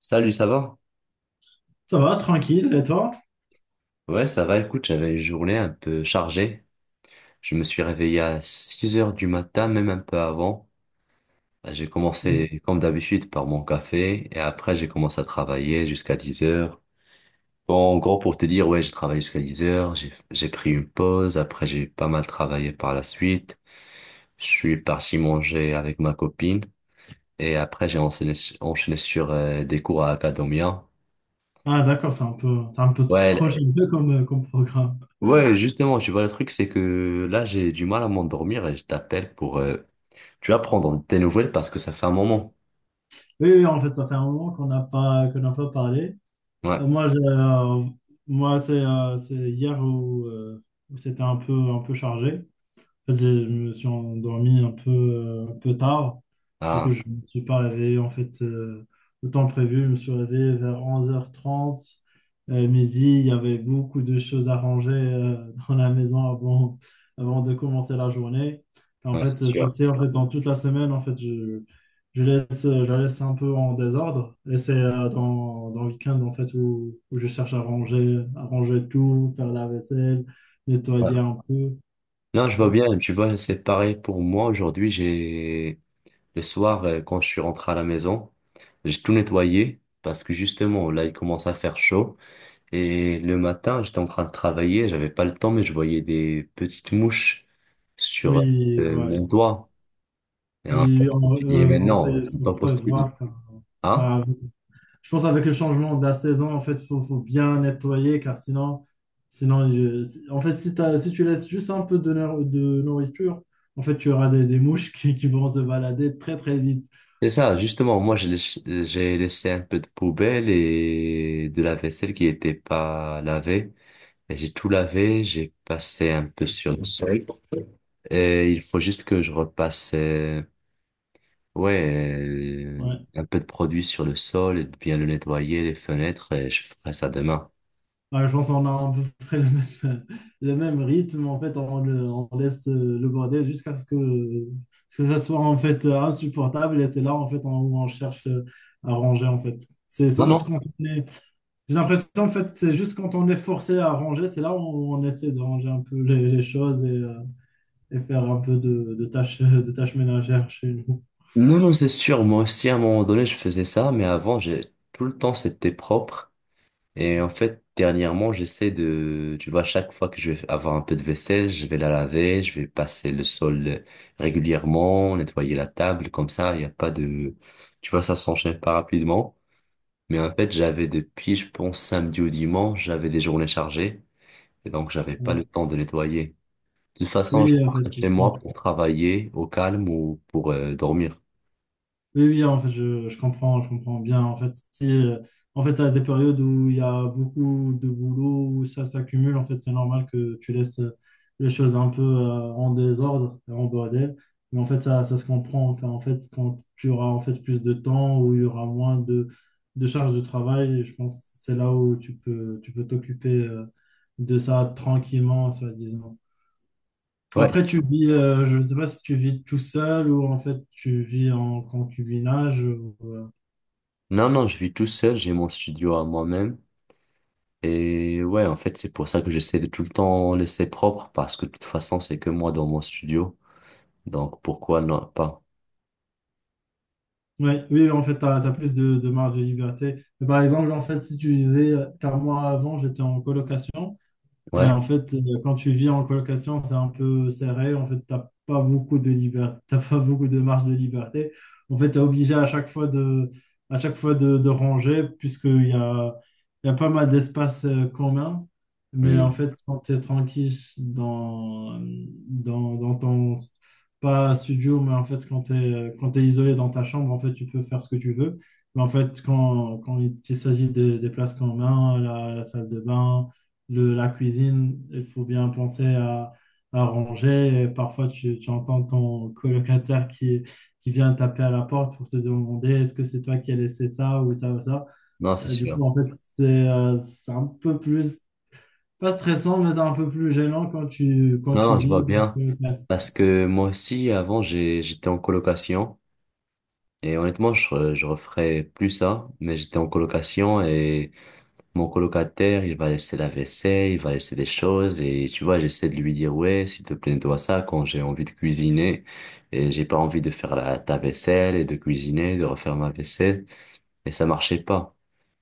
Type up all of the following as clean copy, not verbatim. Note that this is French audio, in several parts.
Salut, ça va? Ça va, tranquille, et toi? Ouais, ça va. Écoute, j'avais une journée un peu chargée. Je me suis réveillé à 6 heures du matin, même un peu avant. Bah, j'ai commencé, comme d'habitude, par mon café et après, j'ai commencé à travailler jusqu'à 10 heures. Bon, en gros, pour te dire, ouais, j'ai travaillé jusqu'à 10 heures. J'ai pris une pause. Après, j'ai pas mal travaillé par la suite. Je suis parti manger avec ma copine et après, j'ai enchaîné sur des cours à Acadomia. Ah, d'accord, c'est un peu trop Ouais, généreux comme, comme programme. ouais, justement, tu vois, le truc, c'est que là, j'ai du mal à m'endormir et je t'appelle pour, tu vas prendre tes nouvelles parce que ça fait un moment. Oui, oui, en fait, ça fait un moment qu'on n'a pas parlé. Ouais. Euh, moi, je- euh, moi c'est hier où c'était un peu chargé. En fait, je me suis endormi un peu tard. Du coup, Ah, je ne me suis pas réveillé, en fait, au temps prévu. Je me suis réveillé vers 11h30, midi. Il y avait beaucoup de choses à ranger, dans la maison avant de commencer la journée. En ouais, c'est fait, tu sûr. sais, en fait, dans toute la semaine, en fait, je la laisse un peu en désordre. Et c'est, dans le week-end, en fait, où je cherche à ranger tout, faire la vaisselle, Ouais. nettoyer un peu. Non, je vois bien, tu vois, c'est pareil pour moi. Aujourd'hui, j'ai, le soir, quand je suis rentré à la maison, j'ai tout nettoyé parce que justement, là, il commence à faire chaud. Et le matin, j'étais en train de travailler, j'avais pas le temps, mais je voyais des petites mouches sur, Oui, ouais. mon doigt. Et en fait, Oui, je me suis dit, mais non, c'est faut pas possible. prévoir. Hein? Voilà. Je pense, avec le changement de la saison, en fait, faut bien nettoyer, car sinon, en fait, si tu laisses juste un peu de nourriture, en fait, tu auras des mouches qui vont se balader très, très vite. C'est ça, justement, moi j'ai laissé un peu de poubelle et de la vaisselle qui n'était pas lavée. Et j'ai tout lavé, j'ai passé un peu sur le sol. Et il faut juste que je repasse, ouais, Ouais. un peu de produit sur le sol et de bien le nettoyer, les fenêtres, et je ferai ça demain. Bah, je pense qu'on a à peu près le même, le même rythme. En fait, on laisse, le bordel jusqu'à ce que ça soit, en fait, insupportable. Et c'est là, en fait, où on cherche, à ranger, en fait. C'est Non, c'est non. juste quand on est... J'ai l'impression, en fait, c'est juste quand on est forcé à ranger, c'est là où on essaie de ranger un peu les choses et faire un peu de tâches ménagères chez nous. Non, non, c'est sûr, moi aussi à un moment donné je faisais ça, mais avant j'ai tout le temps c'était propre. Et en fait, dernièrement, j'essaie de, tu vois, chaque fois que je vais avoir un peu de vaisselle, je vais la laver, je vais passer le sol régulièrement, nettoyer la table, comme ça, il n'y a pas de, tu vois, ça s'enchaîne pas rapidement. Mais en fait, j'avais depuis, je pense, samedi ou dimanche, j'avais des journées chargées, et donc j'avais pas le Donc, temps de nettoyer. De toute façon, je oui, en fait, rentre chez je moi pense. pour travailler au calme ou pour dormir. Oui, oui, en fait, je comprends bien. En fait, si, en fait, à des périodes où il y a beaucoup de boulot, où ça s'accumule, en fait, c'est normal que tu laisses, les choses un peu, en désordre, en bordel. Mais en fait, ça se comprend. Quand, en fait, quand tu auras, en fait, plus de temps, où il y aura moins de charges de travail, je pense que c'est là où tu peux t'occuper, de ça tranquillement, soi-disant. Ouais. Après, je ne sais pas si tu vis tout seul ou, en fait, tu vis en concubinage. Non, non, je vis tout seul, j'ai mon studio à moi-même. Et ouais, en fait, c'est pour ça que j'essaie de tout le temps laisser propre, parce que de toute façon, c'est que moi dans mon studio. Donc, pourquoi non, pas? Ouais, oui, en fait, tu as plus de marge de liberté. Mais par exemple, en fait, si tu vivais, car moi avant, j'étais en colocation. Et Ouais? en fait, quand tu vis en colocation, c'est un peu serré. En fait, t'as pas beaucoup de liberté, t'as pas beaucoup de marge de liberté. En fait, tu es obligé à chaque fois de, à chaque fois de ranger, puisqu'il y a pas mal d'espace, commun. Mais Hmm. en fait, quand tu es tranquille dans, dans ton, pas studio, mais en fait, quand tu isolé dans ta chambre, en fait, tu peux faire ce que tu veux. Mais en fait, quand il s'agit des places communes, la salle de bain, la cuisine, il faut bien penser à ranger. Et parfois, tu entends ton colocataire qui vient taper à la porte pour te demander est-ce que c'est toi qui as laissé ça ou ça ou ça. Non, c'est Du coup, sûr. en fait, c'est un peu plus, pas stressant, mais c'est un peu plus gênant quand tu, quand Non, tu non, je vois vis bien. une classe. Parce que moi aussi, avant, j'étais en colocation. Et honnêtement, je referais plus ça, mais j'étais en colocation. Mon colocataire, il va laisser la vaisselle, il va laisser des choses et tu vois, j'essaie de lui dire ouais, s'il te plaît, dois ça quand j'ai envie de cuisiner et j'ai pas envie de faire ta vaisselle et de cuisiner, de refaire ma vaisselle et ça marchait pas.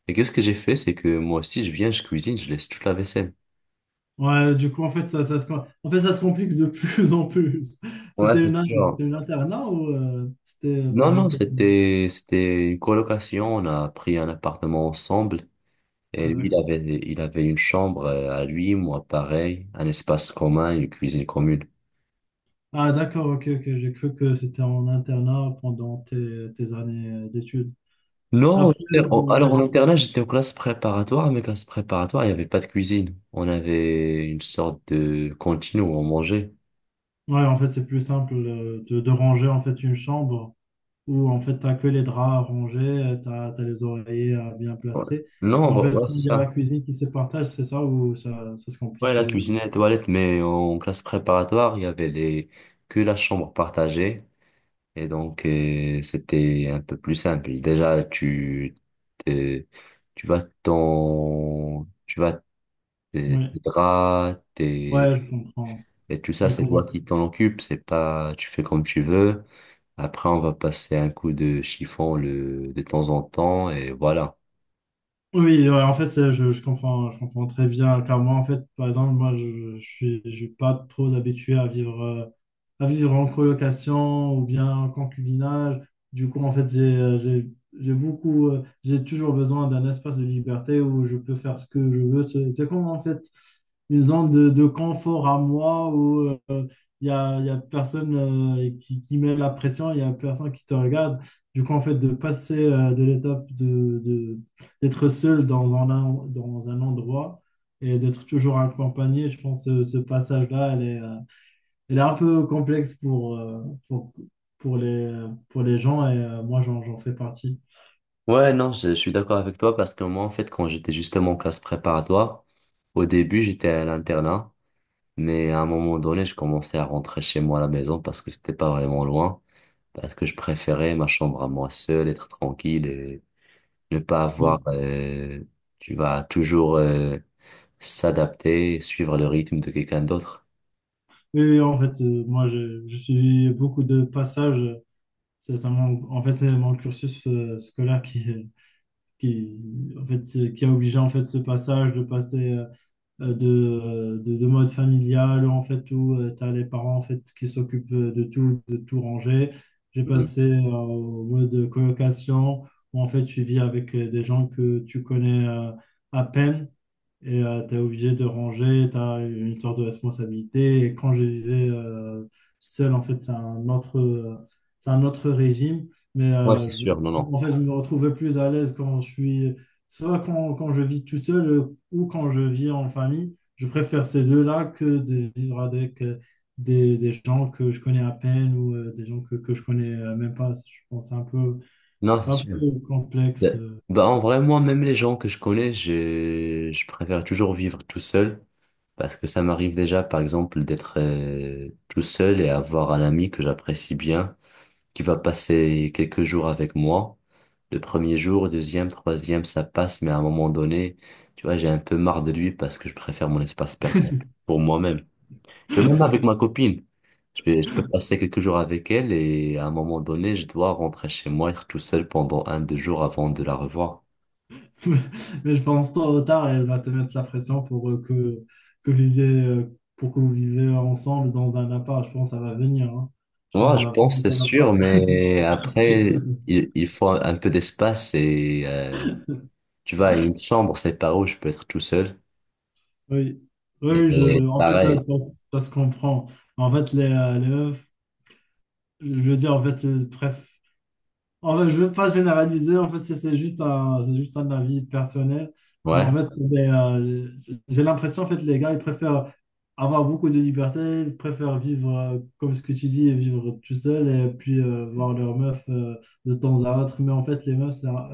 Et qu'est-ce que j'ai fait, c'est que moi aussi je viens, je cuisine, je laisse toute la vaisselle. Ouais, du coup, en fait, en fait, ça se complique de plus en plus. Ouais, C'était c'est une, sûr. c'était une internat ou, c'était Non, non, pendant tes... c'était une colocation. On a pris un appartement ensemble. Et Ah, lui, il d'accord. avait, il avait une chambre à lui, moi pareil, un espace commun, une cuisine commune. Ah, d'accord, ok, ok. J'ai cru que c'était en internat pendant tes années, d'études. Non, Après, ouais, alors en internat, j'étais en classe préparatoire, mais classe préparatoire, il n'y avait pas de cuisine. On avait une sorte de cantine où on mangeait. ouais, en fait, c'est plus simple, de ranger, en fait, une chambre où, en fait, t'as que les draps à ranger, t'as les oreillers à bien Ouais. placer. Non, Mais en fait, ouais, c'est il y a la ça. cuisine qui se partage, c'est ça où ça se Ouais, complique la de... cuisine et la toilette, mais en classe préparatoire, il y avait les... que la chambre partagée. Et donc, c'était un peu plus simple. Déjà, tu, t'es- tu vas ton, tu vas tes Ouais, tes draps, tes... ouais, je comprends. et tout ça, Ouais, je c'est toi comprends. qui t'en occupes. C'est pas, tu fais comme tu veux. Après, on va passer un coup de chiffon de temps en temps et voilà. Oui, ouais, en fait, je comprends très bien. Car moi, en fait, par exemple, moi, je suis pas trop habitué à vivre en colocation ou bien en concubinage. Du coup, en fait, j'ai toujours besoin d'un espace de liberté où je peux faire ce que je veux. C'est comme, en fait, une zone de confort à moi. Il y a personne, qui met la pression, il y a personne qui te regarde. Du coup, en fait, de passer, de l'étape d'être seul dans dans un endroit, et d'être toujours accompagné, je pense que ce passage-là, elle est un peu complexe pour, pour les, pour les gens et, moi, j'en fais partie. Ouais, non, je suis d'accord avec toi parce que moi, en fait, quand j'étais justement en classe préparatoire, au début, j'étais à l'internat, mais à un moment donné, je commençais à rentrer chez moi à la maison parce que c'était pas vraiment loin, parce que je préférais ma chambre à moi seule, être tranquille et ne pas avoir, Oui, tu vas toujours s'adapter, suivre le rythme de quelqu'un d'autre. oui, oui, en fait, moi, j'ai suivi beaucoup de passages. C'est ça en fait, c'est mon cursus, scolaire qui a obligé, en fait, ce passage de passer, de mode familial, en fait, où tu as les parents, en fait, qui s'occupent, de tout ranger. J'ai Mhm. passé, au mode colocation, où, en fait, tu vis avec, des gens que tu connais, à peine, et tu es obligé de ranger, tu as une sorte de responsabilité. Et quand je vivais, seul, en fait, c'est un autre régime, mais, Ouais, c'est sûr, non, non. En fait, je me retrouvais plus à l'aise, soit quand, quand je vis tout seul, ou quand je vis en famille. Je préfère ces deux-là que de vivre avec, des gens que je connais à peine, ou, des gens que je connais, même pas. Je pense que c'est un peu, Non, c'est c'est un sûr. peu complexe. Ben- Bah, en vrai, moi, même les gens que je connais, je préfère toujours vivre tout seul parce que ça m'arrive déjà, par exemple, d'être tout seul et avoir un ami que j'apprécie bien qui va passer quelques jours avec moi. Le premier jour, deuxième, troisième, ça passe, mais à un moment donné, tu vois, j'ai un peu marre de lui parce que je préfère mon espace personnel pour moi-même. Tu vois, même avec ma copine, je peux passer quelques jours avec elle et à un moment donné, je dois rentrer chez moi, être tout seul pendant un, deux jours avant de la revoir. Mais je pense, tôt ou tard, elle va te mettre la pression pour, pour que vous vivez ensemble dans un appart. Je pense que ça va venir, hein. Je pense Moi, que je pense, c'est ça va sûr, pas. mais après, il faut un peu d'espace et tu vois, une chambre, c'est pas où je peux être tout seul. Oui, oui, Et en fait, pareil, ça se comprend. En fait, les meufs, je veux dire, en fait, bref. En fait, je veux pas généraliser, en fait, c'est juste un avis personnel. Mais en ouais. fait, j'ai l'impression, en fait, les gars, ils préfèrent avoir beaucoup de liberté, ils préfèrent vivre, comme ce que tu dis, vivre tout seul et puis, voir leur meuf, de temps à autre. Mais en fait, les meufs, c'est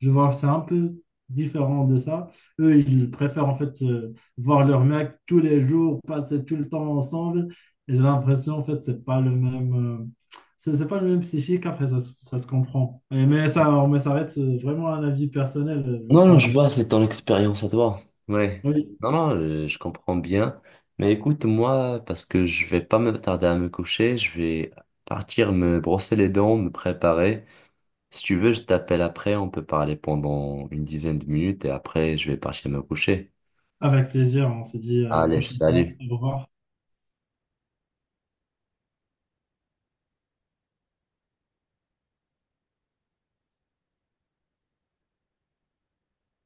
je vois, c'est un peu différent de ça. Eux, ils préfèrent, en fait, voir leur mec tous les jours, passer tout le temps ensemble. Et j'ai l'impression, en fait, c'est pas le même. euh, c'est pas le même psychique. Après, ça se comprend. Mais ça reste, vraiment un avis personnel. Je veux Non, non, je pas- vois, c'est ton expérience à toi. Ouais. Oui, Non, non, je comprends bien. Mais écoute, moi, parce que je vais pas me tarder à me coucher, je vais partir me brosser les dents, me préparer. Si tu veux, je t'appelle après, on peut parler pendant une dizaine de minutes et après, je vais partir me coucher. avec plaisir, on se dit à la Allez, prochaine fois. salut. Au revoir.